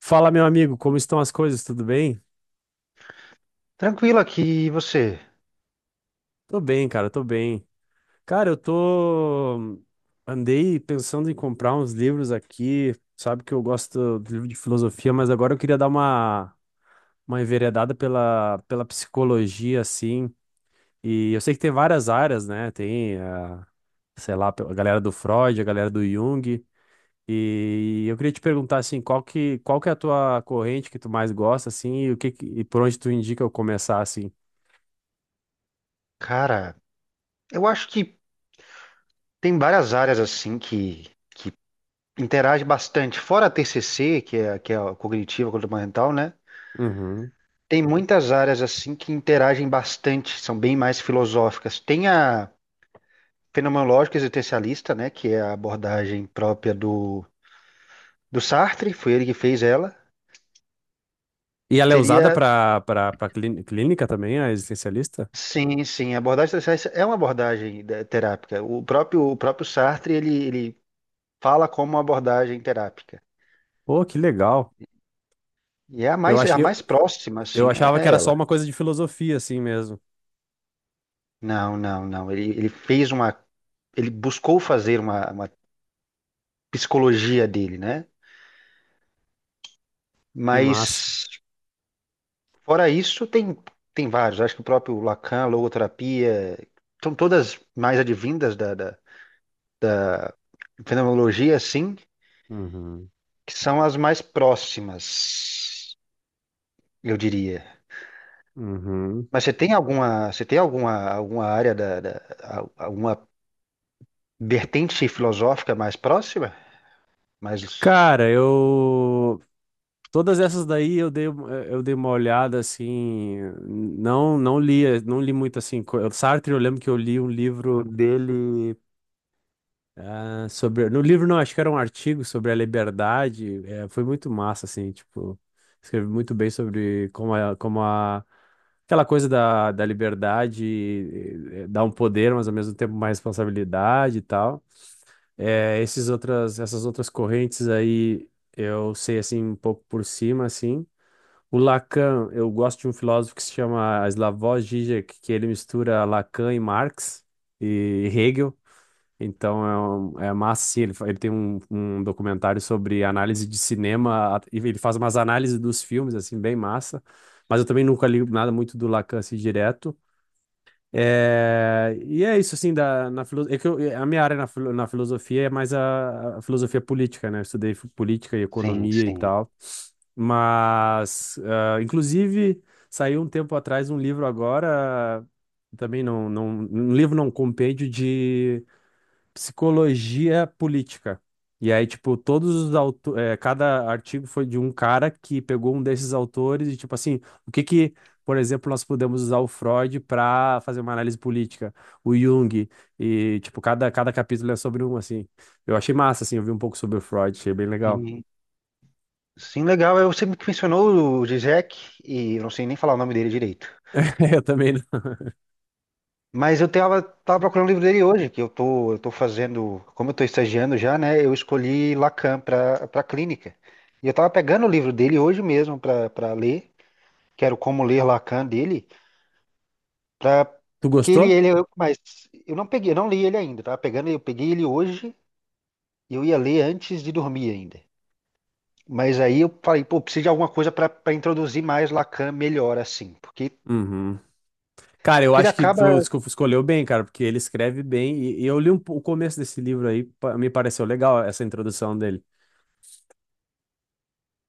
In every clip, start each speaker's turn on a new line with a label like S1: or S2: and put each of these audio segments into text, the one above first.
S1: Fala, meu amigo, como estão as coisas? Tudo bem?
S2: Tranquilo aqui, e você?
S1: Tô bem. Cara, eu tô. Andei pensando em comprar uns livros aqui. Sabe que eu gosto de livro de filosofia, mas agora eu queria dar uma enveredada pela psicologia, assim. E eu sei que tem várias áreas, né? Tem a, sei lá, a galera do Freud, a galera do Jung. E eu queria te perguntar, assim, qual que é a tua corrente que tu mais gosta, assim, e, e por onde tu indica eu começar, assim?
S2: Cara, eu acho que tem várias áreas assim que interagem bastante. Fora a TCC, que é a cognitiva comportamental, né?
S1: Uhum.
S2: Tem muitas áreas assim que interagem bastante, são bem mais filosóficas. Tem a fenomenológica existencialista, né? Que é a abordagem própria do Sartre, foi ele que fez ela.
S1: E ela é usada
S2: Seria,
S1: para clínica também, a existencialista?
S2: sim, sim, a abordagem existencialista é uma abordagem terápica. O próprio Sartre, ele fala como uma abordagem terápica.
S1: Pô, que legal.
S2: E
S1: Eu
S2: é
S1: ach,
S2: a
S1: eu,
S2: mais próxima,
S1: eu
S2: assim, é,
S1: achava que
S2: é
S1: era só
S2: ela.
S1: uma coisa de filosofia, assim mesmo.
S2: Não, não, não. Ele fez uma. Ele buscou fazer uma psicologia dele, né?
S1: Que massa.
S2: Mas, fora isso, tem, tem vários. Acho que o próprio Lacan, logoterapia, são todas mais advindas da fenomenologia, assim,
S1: Uhum,
S2: que são as mais próximas, eu diria.
S1: uhum.
S2: Mas você tem alguma, alguma área da alguma vertente filosófica mais próxima? Mas
S1: Cara, eu. Todas essas daí eu dei uma olhada assim. Não, não li muito assim. Sartre, eu lembro que eu li um livro dele. Ah, sobre, no livro não, acho que era um artigo sobre a liberdade. É, foi muito massa, assim, tipo, escreve muito bem sobre como aquela coisa da liberdade dá um poder, mas ao mesmo tempo uma responsabilidade e tal. É, esses outras, essas outras correntes aí eu sei assim um pouco por cima, assim. O Lacan, eu gosto de um filósofo que se chama Slavoj Žižek, que ele mistura Lacan e Marx e Hegel. Então é, é massa, sim. Ele, ele tem um, um documentário sobre análise de cinema, e ele faz umas análises dos filmes, assim, bem massa. Mas eu também nunca li nada muito do Lacan, assim, direto. É, e é isso, assim, é que é, a minha área na filosofia é mais a filosofia política, né? Eu estudei política e
S2: sim,
S1: economia e
S2: sim.
S1: tal. Mas, ah, inclusive, saiu um tempo atrás um livro agora, também não, não, um livro não, um compêndio de psicologia política. E aí, tipo, todos os autores, cada artigo foi de um cara que pegou um desses autores e, tipo assim, o que que, por exemplo, nós podemos usar o Freud para fazer uma análise política, o Jung, e, tipo, cada capítulo é sobre um, assim. Eu achei massa, assim, eu vi um pouco sobre o Freud, achei bem legal.
S2: Sim, sim, legal. Eu sempre que mencionou o Zizek, e eu não sei nem falar o nome dele direito.
S1: Eu também.
S2: Mas eu tava, tava procurando o livro dele hoje, que eu tô fazendo, como eu tô estagiando já, né? Eu escolhi Lacan para clínica. E eu tava pegando o livro dele hoje mesmo para ler, que era o Como Ler Lacan dele, para
S1: Tu
S2: porque
S1: gostou?
S2: ele mas eu não peguei, eu não li ele ainda, tava pegando, eu peguei ele hoje e eu ia ler antes de dormir ainda. Mas aí eu falei, pô, preciso de alguma coisa para introduzir mais Lacan melhor assim, porque
S1: Uhum. Cara, eu
S2: que ele
S1: acho que
S2: acaba.
S1: tu escolheu bem, cara, porque ele escreve bem. E eu li um, o começo desse livro aí, me pareceu legal essa introdução dele.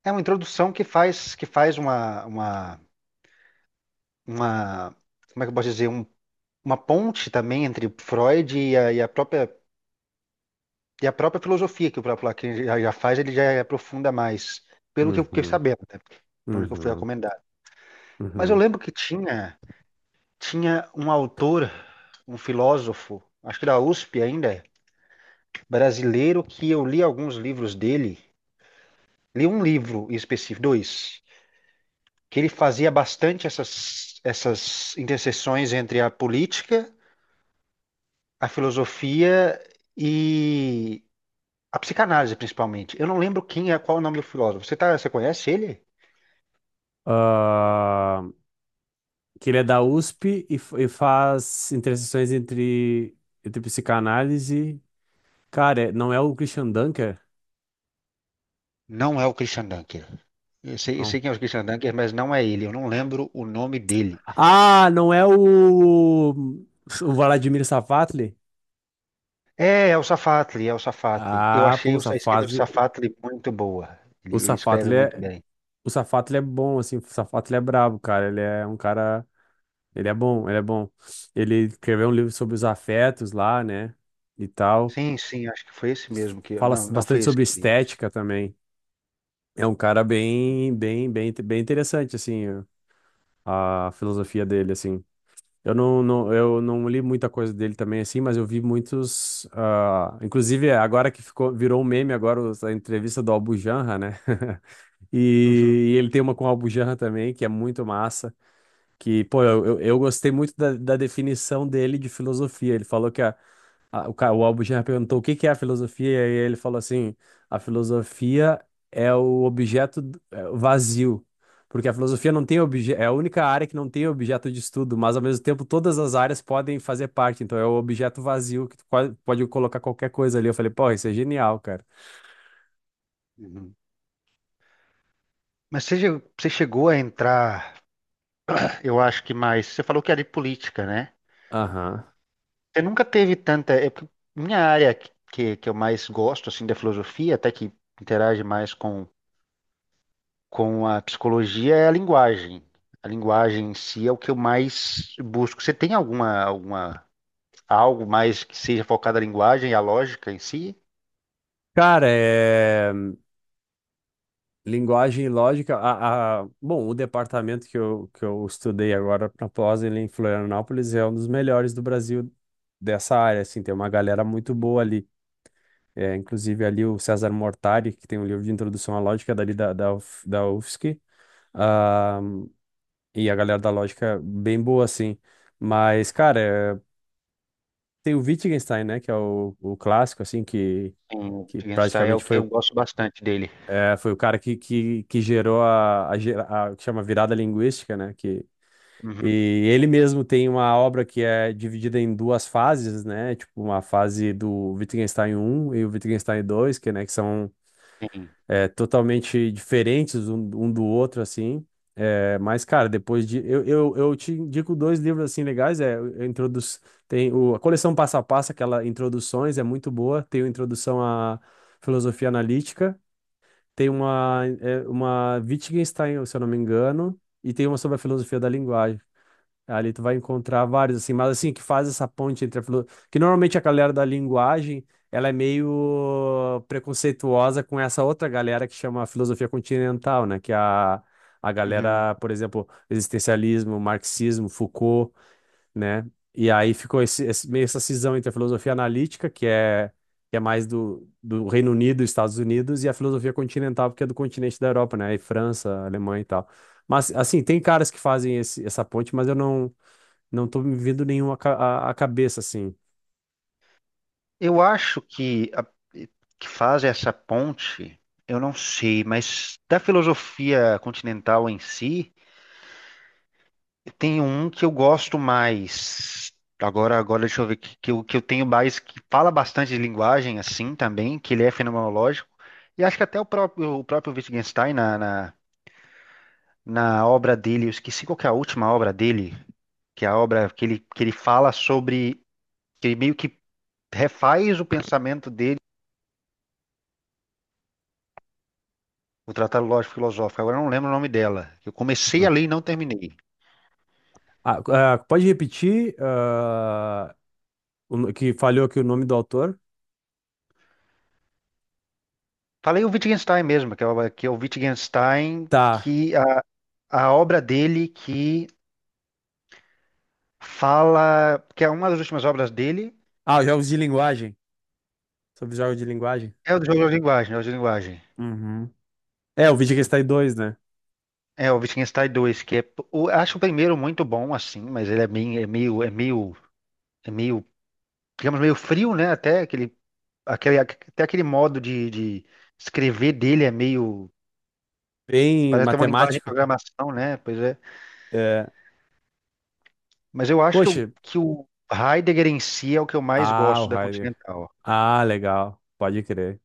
S2: É uma introdução que faz uma, uma. Como é que eu posso dizer? Um- uma ponte também entre Freud e e a própria filosofia que o próprio Lacan já, já faz, ele já é aprofunda mais, pelo que eu fiquei
S1: Uhum.
S2: sabendo, né? Por onde que eu fui
S1: Uhum,
S2: recomendado. Mas eu
S1: uhum.
S2: lembro que tinha, tinha um autor, um filósofo, acho que da USP ainda, brasileiro, que eu li alguns livros dele. Li um livro em específico, dois. Que ele fazia bastante essas interseções entre a política, a filosofia e a psicanálise, principalmente. Eu não lembro quem é, qual é o nome do filósofo. Você, tá, você conhece ele?
S1: Ah, que ele é da USP e, e faz interseções entre, entre psicanálise. Cara, não é o Christian Dunker?
S2: Não é o Christian Dunker. Eu
S1: Não.
S2: sei quem é o Christian Dunker, mas não é ele. Eu não lembro o nome dele.
S1: Ah, não é o Vladimir Safatli?
S2: É, é o Safatli, é o Safatli. Eu
S1: Ah, pô,
S2: achei
S1: o
S2: o- a esquerda do
S1: Safatli.
S2: Safatli muito boa.
S1: O
S2: Ele escreve
S1: Safatli
S2: muito
S1: é,
S2: bem.
S1: o Safatli é bom, assim. O Safatli é brabo, cara. Ele é um cara. Ele é bom, ele é bom. Ele escreveu um livro sobre os afetos lá, né? E tal.
S2: Sim, sim, acho que foi esse mesmo que eu.
S1: Fala
S2: Não, não foi
S1: bastante
S2: esse
S1: sobre
S2: que eu li, eu acho.
S1: estética também. É um cara bem interessante, assim, a filosofia dele, assim. Eu não li muita coisa dele também, assim, mas eu vi muitos, ah, inclusive é, agora que ficou, virou um meme agora a entrevista do Albujanra, né?
S2: Uhum,
S1: E, e ele tem uma com o Albujanra também, que é muito massa, que, pô, eu gostei muito da definição dele de filosofia. Ele falou que o Albuquerque perguntou o que que é a filosofia, e aí ele falou assim: a filosofia é é o vazio. Porque a filosofia não tem objeto é a única área que não tem objeto de estudo, mas ao mesmo tempo todas as áreas podem fazer parte. Então é o objeto vazio que tu pode colocar qualquer coisa ali. Eu falei, pô, isso é genial, cara.
S2: uhum. Mas você, já- você chegou a entrar, eu acho que mais. Você falou que era de política, né?
S1: Aham.
S2: Você nunca teve tanta. É porque minha área que eu mais gosto, assim, da filosofia, até que interage mais com a psicologia, é a linguagem. A linguagem em si é o que eu mais busco. Você tem alguma, alguma, algo mais que seja focado na linguagem e a lógica em si?
S1: Cara, é. Linguagem e lógica. Bom, o departamento que eu estudei agora na pós ele em Florianópolis é um dos melhores do Brasil dessa área. Assim, tem uma galera muito boa ali. É, inclusive ali o César Mortari, que tem um livro de introdução à lógica dali da UF da UFSC. Ah, e a galera da lógica bem boa, assim. Mas, cara, é, tem o Wittgenstein, né? Que é o clássico, assim,
S2: Sim, o
S1: que
S2: Wittgenstein é o
S1: praticamente
S2: que
S1: foi.
S2: eu gosto bastante dele.
S1: É, foi o cara que gerou o que chama virada linguística, né? Que, e
S2: Uhum,
S1: ele mesmo tem uma obra que é dividida em duas fases, né? Tipo, uma fase do Wittgenstein um e o Wittgenstein 2 que, né, que são
S2: sim.
S1: é, totalmente diferentes um, um do outro, assim. É, mas, cara, depois de. Eu te indico dois livros, assim, legais. É, tem o, a coleção Passo a Passo, aquela Introduções, é muito boa. Tem o Introdução à Filosofia Analítica. Tem uma, é, uma Wittgenstein, se eu não me engano, e tem uma sobre a filosofia da linguagem. Ali tu vai encontrar vários, assim, mas assim, que faz essa ponte entre a filosofia. Que normalmente a galera da linguagem, ela é meio preconceituosa com essa outra galera que chama a filosofia continental, né? Que é a
S2: Uhum.
S1: galera, por exemplo, existencialismo, marxismo, Foucault, né? E aí ficou meio essa cisão entre a filosofia analítica, que é mais do Reino Unido e Estados Unidos, e a filosofia continental, porque é do continente da Europa, né? E França, Alemanha e tal. Mas, assim, tem caras que fazem esse, essa ponte, mas eu não, não tô me vendo nenhum a cabeça, assim.
S2: Eu acho que que faz essa ponte, eu não sei, mas da filosofia continental em si, tem um que eu gosto mais. Agora deixa eu ver que eu tenho mais que fala bastante de linguagem assim também, que ele é fenomenológico. E acho que até o próprio Wittgenstein na na obra dele, eu esqueci qual que é a última obra dele, que é a obra que ele fala sobre que ele meio que refaz o pensamento. O Tratado Lógico Filosófico, agora eu não lembro o nome dela. Eu comecei a
S1: Hum.
S2: ler e não terminei.
S1: Ah, ah, pode repetir, ah, o no- que falhou aqui o nome do autor?
S2: Falei o Wittgenstein mesmo, que é o Wittgenstein,
S1: Tá.
S2: que a obra dele que fala, que é uma das últimas obras dele,
S1: Ah, jogos de linguagem. Sobre jogos de linguagem.
S2: é o do jogo de linguagem, é o de linguagem.
S1: Uhum. É, o vídeo que está em dois, né?
S2: É o Wittgenstein 2, que é, o- acho o primeiro muito bom assim, mas ele é meio, é meio, é meio, é meio, digamos meio frio, né? Até aquele, aquele, até aquele modo de escrever dele é meio,
S1: Bem
S2: parece até uma linguagem de
S1: matemático.
S2: programação, né? Pois é.
S1: É.
S2: Mas eu acho
S1: Poxa.
S2: que o Heidegger em si é o que eu mais
S1: Ah, o
S2: gosto da
S1: Heidegger.
S2: Continental.
S1: Ah, legal. Pode crer.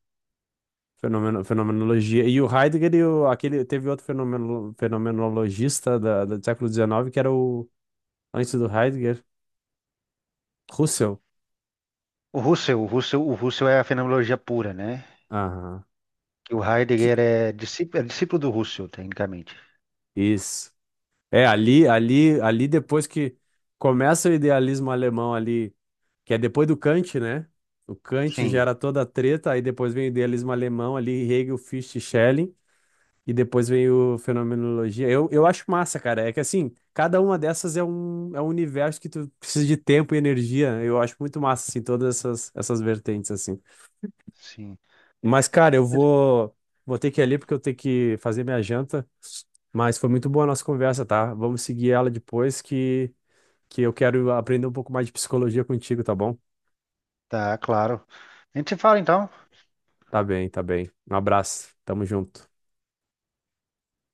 S1: Fenomeno, fenomenologia. E o Heidegger, e o, aquele, teve outro fenomeno, fenomenologista da, do século XIX, que era o, antes do Heidegger, Russell.
S2: O Husserl, o Husserl, o Husserl é a fenomenologia pura, né?
S1: Aham.
S2: Que o
S1: Que-
S2: Heidegger é discípulo do Husserl, tecnicamente.
S1: isso. É, ali depois que começa o idealismo alemão ali, que é depois do Kant, né? O Kant
S2: Sim,
S1: gera toda a treta, aí depois vem o idealismo alemão ali, Hegel, Fichte, Schelling. E depois veio Fenomenologia. Eu acho massa, cara. É que assim, cada uma dessas é um universo que tu precisa de tempo e energia. Eu acho muito massa, assim, todas essas, essas vertentes, assim.
S2: sim.
S1: Mas, cara, eu vou ter que ir ali porque eu tenho que fazer minha janta. Mas foi muito boa a nossa conversa, tá? Vamos seguir ela depois que eu quero aprender um pouco mais de psicologia contigo, tá bom?
S2: Tá, claro. A gente se fala então.
S1: Tá bem, tá bem. Um abraço. Tamo junto.